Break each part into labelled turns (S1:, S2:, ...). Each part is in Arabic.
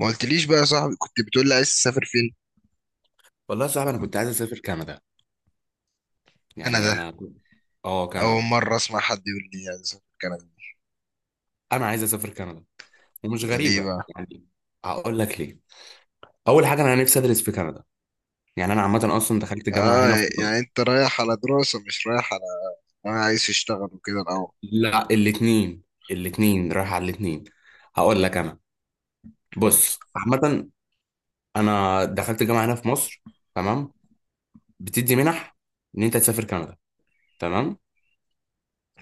S1: ما قلتليش بقى يا صاحبي، كنت بتقول لي عايز تسافر فين؟
S2: والله يا صاحبي، انا كنت عايز اسافر كندا. يعني
S1: كندا؟
S2: اه،
S1: اول
S2: كندا.
S1: مره اسمع حد يقول لي عايز اسافر كندا.
S2: انا عايز اسافر كندا، ومش
S1: ده ليه
S2: غريبه
S1: بقى؟
S2: يعني. هقول لك ليه. اول حاجه، انا نفسي ادرس في كندا. يعني انا عامه اصلا دخلت جامعه هنا في
S1: اه.
S2: مصر.
S1: يعني انت رايح على دراسه مش رايح على، انا عايز اشتغل وكده الاول.
S2: لا، الاثنين. الاثنين رايح على الاثنين. هقول لك انا،
S1: قول لي.
S2: بص عامه، انا دخلت جامعه هنا في مصر، تمام، بتدي منح ان انت تسافر كندا، تمام.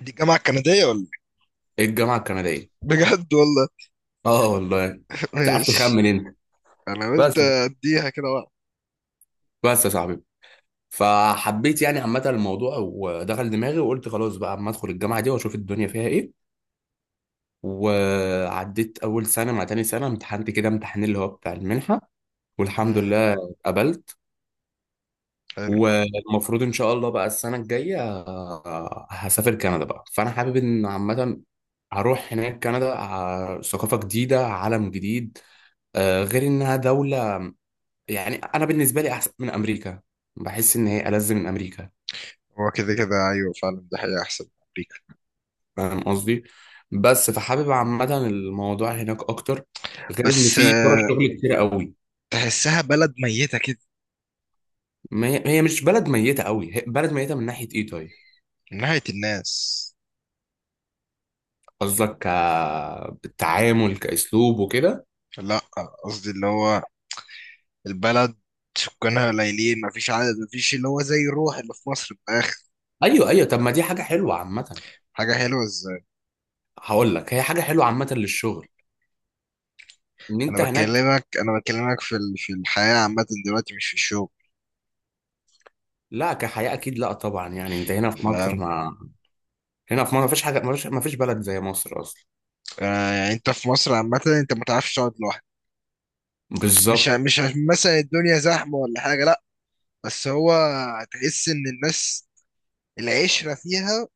S1: دي جامعه كنديه ولا إيه؟
S2: إيه الجامعه الكنديه؟
S1: بجد والله؟
S2: اه والله. تعرف
S1: ماشي.
S2: تخمن انت.
S1: انا قلت
S2: بس
S1: اديها كده بقى.
S2: بس يا صاحبي، فحبيت يعني عامة الموضوع، ودخل دماغي وقلت خلاص بقى اما ادخل الجامعة دي واشوف الدنيا فيها ايه. وعديت اول سنة مع تاني سنة، امتحنت كده امتحان اللي هو بتاع المنحة، والحمد
S1: امم.
S2: لله اتقبلت.
S1: حلو.
S2: والمفروض ان شاء الله بقى السنة الجاية هسافر كندا بقى. فانا حابب ان عامة هروح هناك كندا، ثقافة جديدة، عالم جديد. غير انها دولة، يعني انا بالنسبة لي احسن من امريكا. بحس ان هي ألذ من امريكا.
S1: هو كده كده ايوه، فعلا ده حقيقة احسن من امريكا.
S2: فاهم قصدي. بس فحابب عامة الموضوع هناك أكتر، غير إن
S1: بس
S2: في فرص شغل كتير قوي.
S1: تحسها بلد ميته كده.
S2: ما هي، هي مش بلد ميتة قوي. هي بلد ميتة من ناحية إيه طيب؟
S1: من ناحيه الناس.
S2: قصدك كالتعامل كأسلوب وكده؟
S1: لا، قصدي اللي هو البلد، سكانها قليلين، مفيش عدد، مفيش اللي هو زي الروح اللي في مصر في الآخر.
S2: أيوه، أيوه. طب ما دي حاجة حلوة عامة.
S1: حاجة حلوة ازاي؟
S2: هقول لك، هي حاجة حلوة عامة للشغل، إن
S1: أنا
S2: أنت هناك.
S1: بكلمك أنا بكلمك في الحياة عامة دلوقتي مش في الشغل.
S2: لا، كحياة أكيد لا طبعا. يعني أنت هنا في مصر،
S1: فاهم.
S2: ما هنا في مصر ما فيش حاجة ما فيش بلد زي مصر أصلا.
S1: يعني أنت في مصر عامة أنت ما تعرفش تقعد لوحدك.
S2: بالظبط.
S1: مش عشان مثلا الدنيا زحمة ولا حاجة، لأ. بس هو، هتحس إن الناس العشرة فيها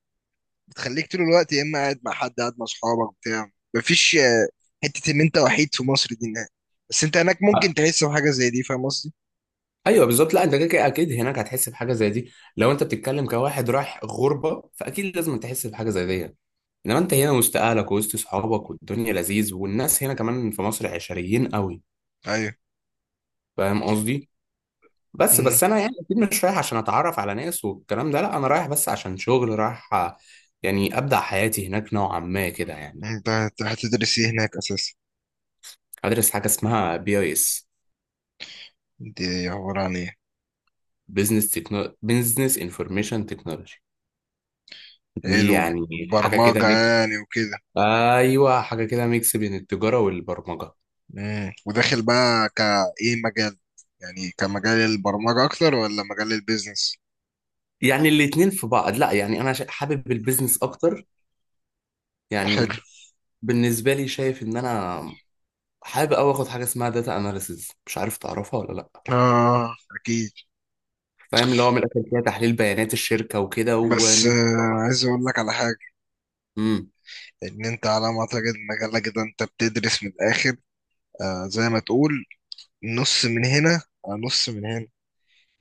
S1: بتخليك طول الوقت يا إما قاعد مع حد قاعد مع أصحابك بتاع مفيش حتة إن أنت وحيد في مصر دي نهائي. بس أنت هناك ممكن تحس بحاجة زي دي، فاهم قصدي؟
S2: ايوه بالظبط. لا انت كده كده اكيد هناك هتحس بحاجه زي دي، لو انت بتتكلم كواحد رايح غربه فاكيد لازم تحس بحاجه زي دي. انما انت هنا وسط اهلك وسط صحابك والدنيا لذيذ، والناس هنا كمان في مصر عشريين قوي.
S1: ايوه.
S2: فاهم قصدي. بس انا يعني اكيد مش رايح عشان اتعرف على ناس والكلام ده، لا انا رايح بس عشان شغل رايح. يعني ابدا حياتي هناك نوعا ما كده يعني.
S1: انت هتدرس ايه هناك اساسا؟
S2: ادرس حاجه اسمها بي اي اس.
S1: دي عبارة عن ايه؟
S2: بزنس انفورميشن تكنولوجي. دي
S1: علم
S2: يعني حاجه كده.
S1: برمجة يعني وكده؟
S2: ايوه، حاجه كده، ميكس بين التجاره والبرمجه.
S1: مم. وداخل بقى كايه مجال، يعني كمجال البرمجة اكتر ولا مجال البيزنس؟
S2: يعني الاتنين في بعض. لا يعني انا حابب البيزنس اكتر،
S1: حلو.
S2: يعني بالنسبه لي شايف ان انا حابب اوي اخد حاجه اسمها داتا اناليسز، مش عارف تعرفها ولا لا.
S1: اه، اكيد.
S2: فاهم اللي هو من الاخر فيها تحليل بيانات الشركه وكده،
S1: بس
S2: وان انت.
S1: عايز اقول لك على حاجة،
S2: امم.
S1: ان انت على ما اعتقد مجالك ده انت بتدرس من الاخر، زي ما تقول نص من هنا على نص من هنا.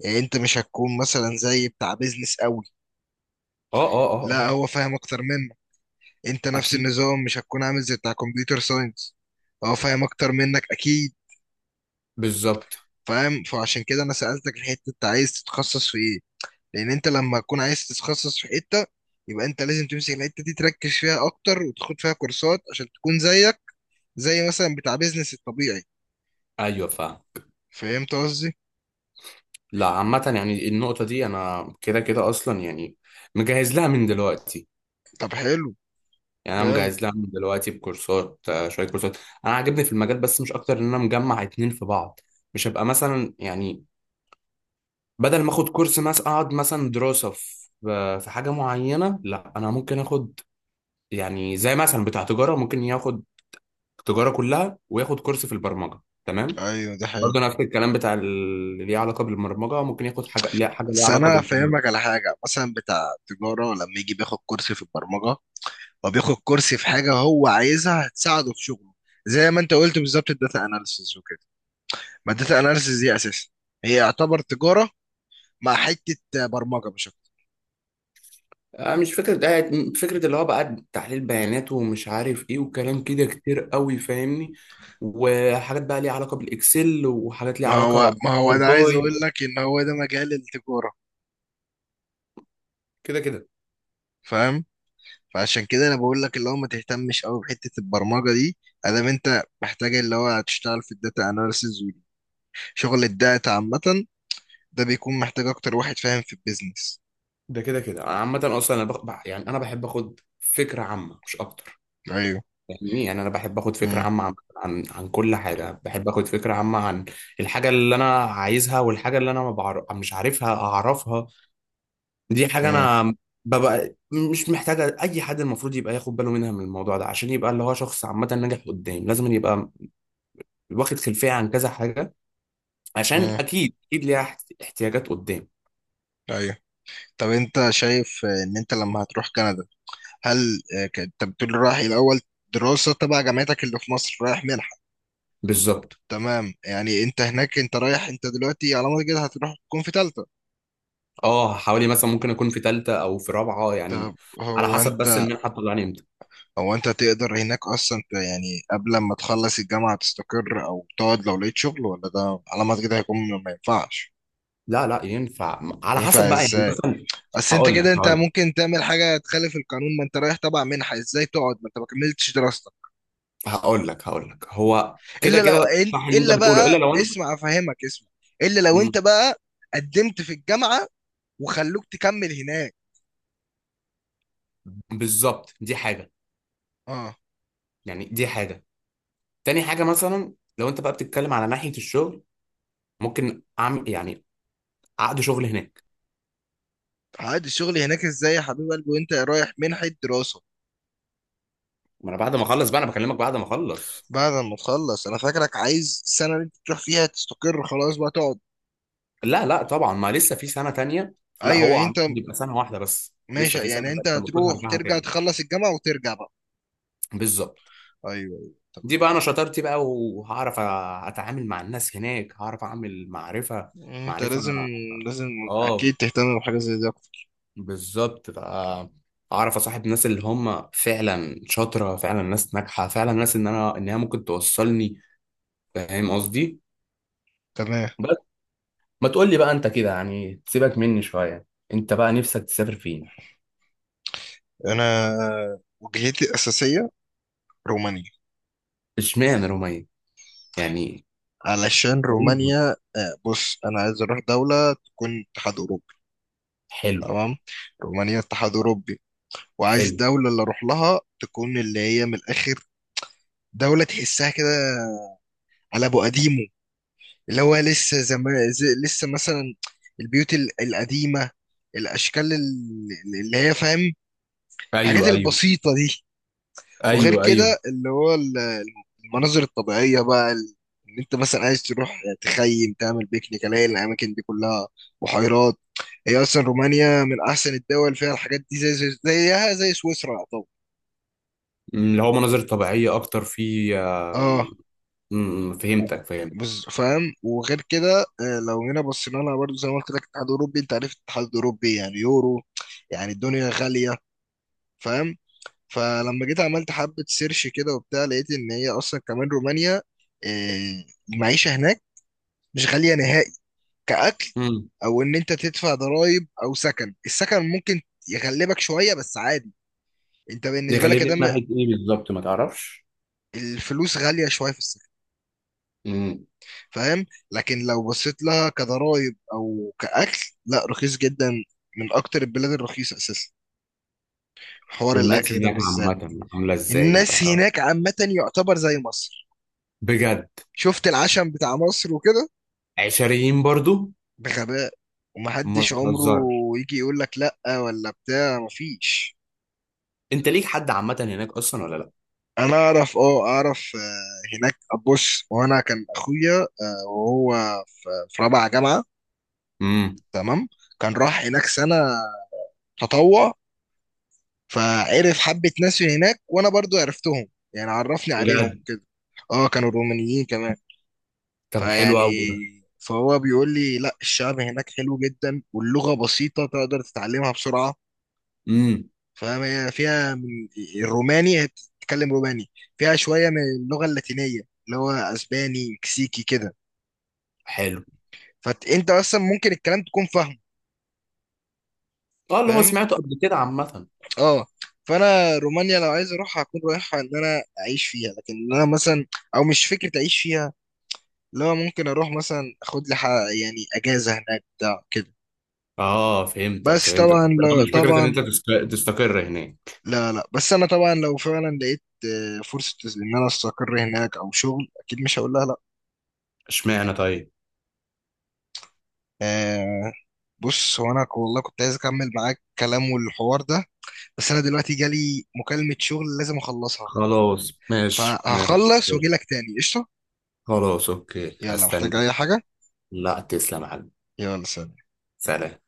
S1: يعني انت مش هتكون مثلا زي بتاع بيزنس قوي،
S2: اه، اه، اه،
S1: لا
S2: اه.
S1: هو فاهم اكتر منك. انت نفس
S2: اكيد.
S1: النظام مش هتكون عامل زي بتاع كمبيوتر ساينس، هو فاهم اكتر منك اكيد.
S2: بالظبط.
S1: فاهم، فعشان كده انا سألتك الحتة انت عايز تتخصص في ايه. لان انت لما تكون عايز تتخصص في حتة يبقى انت لازم تمسك الحتة دي تركز فيها اكتر وتاخد فيها كورسات عشان تكون زيك زي مثلا بتاع بيزنس الطبيعي.
S2: ايوه فاهم.
S1: فهمت قصدي؟
S2: لا عامه يعني النقطه دي انا كده كده اصلا يعني مجهز لها من دلوقتي.
S1: طب حلو.
S2: يعني انا
S1: جامد.
S2: مجهز لها من دلوقتي بكورسات، شويه كورسات. انا عاجبني في المجال بس مش اكتر، ان انا مجمع اتنين في بعض. مش هبقى مثلا يعني بدل ما اخد كورس مثلا اقعد مثلا دراسه في حاجه معينه، لا انا ممكن اخد يعني زي مثلا بتاع تجاره، ممكن ياخد تجاره كلها وياخد كورس في البرمجه، تمام.
S1: ايوه ده حقيقي.
S2: برضه نفس الكلام بتاع اللي ليه علاقه بالبرمجه، ممكن ياخد حاجه حاجه ليها
S1: بس
S2: علاقه
S1: انا
S2: بالتجاره.
S1: فاهمك على حاجة، مثلا بتاع تجارة لما يجي بياخد كورس في البرمجة، هو بياخد كورس في حاجه هو عايزها هتساعده في شغله، زي ما انت قلت بالظبط الداتا اناليسيس وكده. ما الداتا اناليسيس دي اساسا هي يعتبر تجاره مع حته برمجه مش اكتر.
S2: مش فكرة ده. فكرة اللي هو بقى تحليل بيانات ومش عارف ايه، وكلام كده كتير قوي، فاهمني. وحاجات بقى ليها علاقة بالاكسل، وحاجات ليها
S1: ما هو
S2: علاقة
S1: ما هو انا عايز
S2: بالباي.
S1: اقول لك ان هو ده مجال التجاره.
S2: كده كده.
S1: فاهم. فعشان كده انا بقول لك اللي هو ما تهتمش قوي بحته البرمجه دي، ادام انت محتاج اللي هو هتشتغل في الداتا اناليسيس وشغل الداتا عامه، ده بيكون محتاج اكتر واحد فاهم في البيزنس.
S2: ده كده كده انا عامة اصلا انا يعني انا بحب اخد فكرة عامة مش اكتر.
S1: ايوه.
S2: فاهمني. يعني انا بحب اخد فكرة
S1: امم.
S2: عامة عن كل حاجة، بحب اخد فكرة عامة عن الحاجة اللي انا عايزها، والحاجة اللي انا ما بعرف مش عارفها اعرفها. دي حاجة
S1: امم.
S2: أنا ببقى مش محتاجة أي حد. المفروض يبقى ياخد باله منها، من الموضوع ده، عشان يبقى اللي هو شخص عامة ناجح قدام، لازم يبقى واخد خلفية عن كذا حاجة، عشان
S1: امم.
S2: أكيد أكيد ليها احتياجات قدام.
S1: ايوه. طب انت شايف ان انت لما هتروح كندا، هل انت بتقول رايح الاول دراسة تبع جامعتك اللي في مصر رايح منحة.
S2: بالظبط.
S1: تمام يعني انت هناك انت رايح انت دلوقتي على ما كده هتروح تكون في تالتة.
S2: أه، حوالي مثلا ممكن أكون في تالتة أو في رابعة يعني،
S1: طب
S2: على
S1: هو
S2: حسب بس
S1: انت،
S2: المنحة بتطلعني إمتى.
S1: هو انت تقدر هناك اصلا يعني قبل ما تخلص الجامعة تستقر او تقعد لو لقيت شغل ولا ده على ما كده هيكون، ما ينفعش.
S2: لا لا، ينفع على
S1: ينفع
S2: حسب بقى يعني
S1: ازاي؟
S2: مثلا.
S1: اصل انت
S2: هقول لك
S1: كده انت
S2: هقول لك
S1: ممكن تعمل حاجة تخالف القانون، ما انت رايح تبع منحة ازاي تقعد ما انت ما كملتش دراستك؟
S2: هقول لك هو كده
S1: الا لو.
S2: كده. صح اللي أنت
S1: الا
S2: بتقوله، إلا
S1: بقى
S2: لو أنا.
S1: اسمع افهمك اسمع. الا لو
S2: مم،
S1: انت بقى قدمت في الجامعه وخلوك تكمل هناك.
S2: بالظبط. دي حاجة،
S1: اه.
S2: يعني دي حاجة. تاني حاجة مثلا لو انت بقى بتتكلم على ناحية الشغل، ممكن اعمل يعني عقد شغل هناك.
S1: عادي الشغل هناك ازاي يا حبيب قلبي وانت رايح منحه دراسه؟
S2: ما انا بعد ما اخلص بقى، انا بكلمك بعد ما اخلص.
S1: بعد ما تخلص انا فاكرك عايز السنه اللي انت تروح فيها تستقر خلاص بقى تقعد.
S2: لا لا طبعا، ما لسه في سنة تانية. لا،
S1: ايوه
S2: هو
S1: يعني
S2: عم
S1: انت.
S2: بيبقى سنة واحدة بس لسه
S1: ماشي
S2: في سنة
S1: يعني انت
S2: تانية المفروض
S1: هتروح
S2: هرجعها
S1: ترجع
S2: تاني.
S1: تخلص الجامعه وترجع بقى.
S2: بالظبط.
S1: ايوه ايوه
S2: دي
S1: تمام.
S2: بقى انا شطارتي بقى، وهعرف اتعامل مع الناس هناك، هعرف اعمل معرفة
S1: يعني انت
S2: معرفة
S1: لازم، لازم
S2: اه.
S1: اكيد تهتم بحاجه زي دي اكتر.
S2: بالظبط بقى. اعرف اصاحب ناس اللي هم فعلا شاطره، فعلا ناس ناجحه، فعلا ناس ان هي ممكن توصلني. فاهم قصدي.
S1: تمام.
S2: بس. ما تقول لي بقى انت كده يعني، تسيبك مني شويه. انت بقى نفسك تسافر فين؟
S1: انا، وجهتي الاساسيه رومانيا.
S2: اشمعنى رومية يعني؟
S1: علشان
S2: غريبة.
S1: رومانيا بص انا عايز اروح دولة تكون اتحاد اوروبي.
S2: حلو.
S1: تمام. رومانيا اتحاد اوروبي، وعايز
S2: حلو.
S1: الدولة اللي اروح لها تكون اللي هي من الاخر، دولة تحسها كده على ابو قديمه، اللي هو لسه زمان زي لسه مثلا البيوت القديمة، الاشكال اللي هي فاهم، الحاجات
S2: ايوه، ايوه.
S1: البسيطة دي. وغير
S2: ايوه،
S1: كده
S2: ايوه.
S1: اللي هو المناظر الطبيعية بقى ان انت مثلا عايز تروح تخيم تعمل بيكنيك الاقي الاماكن دي كلها، بحيرات. هي اصلا رومانيا من احسن الدول فيها الحاجات دي زي زيها زي سويسرا طبعا.
S2: اللي هو مناظر طبيعيه اكتر في.
S1: اه و-
S2: فهمتك، فهمت.
S1: فاهم. وغير كده لو جينا بصينا لها برضه زي ما قلت لك الاتحاد الاوروبي، انت عارف الاتحاد الاوروبي يعني يورو، يعني الدنيا غالية. فاهم. فلما جيت عملت حبة سيرش كده وبتاع لقيت ان هي اصلا كمان رومانيا. آه، المعيشة هناك مش غالية نهائي، كأكل.
S2: امم.
S1: أو إن أنت تدفع ضرايب أو السكن ممكن يغلبك شوية بس عادي، أنت بالنسبة لك
S2: يخليني
S1: ده
S2: في ناحيه ايه بالظبط، ما تعرفش.
S1: الفلوس غالية شوية في السكن.
S2: امم.
S1: فاهم. لكن لو بصيت لها كضرايب أو كأكل، لا رخيص جدا، من أكتر البلاد الرخيصة أساسا حوار
S2: والناس
S1: الأكل ده
S2: هناك
S1: بالذات.
S2: عامه عامله ازاي، ما
S1: الناس
S2: تعرفش؟
S1: هناك عامة يعتبر زي مصر،
S2: بجد.
S1: شفت العشم بتاع مصر وكده،
S2: عشريين برضو.
S1: بغباء،
S2: ما
S1: ومحدش عمره
S2: تهزرش.
S1: يجي يقول لك لا ولا بتاع مفيش.
S2: انت ليك حد عامه هناك اصلا ولا لا؟
S1: انا اعرف هناك. بص وانا كان اخويا وهو في رابعه جامعه،
S2: امم.
S1: تمام، كان راح هناك سنه تطوع، فعرف حبه ناس من هناك وانا برضو عرفتهم، يعني عرفني عليهم
S2: بجد.
S1: وكده. اه كانوا رومانيين كمان.
S2: طب حلو
S1: فيعني،
S2: قوي.
S1: فهو بيقول لي لا الشعب هناك حلو جدا واللغه بسيطه تقدر تتعلمها بسرعه.
S2: امم.
S1: فاهم، هي فيها من الروماني، هي بتتكلم روماني، فيها شويه من اللغه اللاتينيه اللي هو اسباني مكسيكي كده،
S2: حلو.
S1: فانت اصلا ممكن الكلام تكون فاهمه.
S2: اه، اللي هو
S1: فاهم.
S2: سمعته قبل كده عامة.
S1: اه. فانا رومانيا لو عايز اروح هكون رايحها ان انا اعيش فيها، لكن إن انا مثلا او مش فكره اعيش فيها، لو ممكن اروح مثلا اخد لي يعني اجازه هناك بتاع كده.
S2: اه، فهمتك،
S1: بس
S2: فهمتك،
S1: طبعا
S2: بس لا،
S1: لا
S2: مش فكرة ان
S1: طبعا.
S2: انت تستقر هناك.
S1: لا لا، بس انا طبعا لو فعلا لقيت فرصه ان انا استقر هناك او شغل اكيد مش هقول لها لا.
S2: اشمعنى طيب؟
S1: آه. بص هو انا والله كنت عايز اكمل معاك كلام والحوار ده، بس انا دلوقتي جالي مكالمه شغل لازم اخلصها.
S2: خلاص ماشي، ماشي،
S1: فهخلص واجي
S2: ماشي.
S1: لك تاني قشطة.
S2: خلاص اوكي،
S1: يلا،
S2: هستنى.
S1: محتاج اي حاجة؟
S2: لا تسلم يا حبيبي.
S1: يلا سلام.
S2: سلام.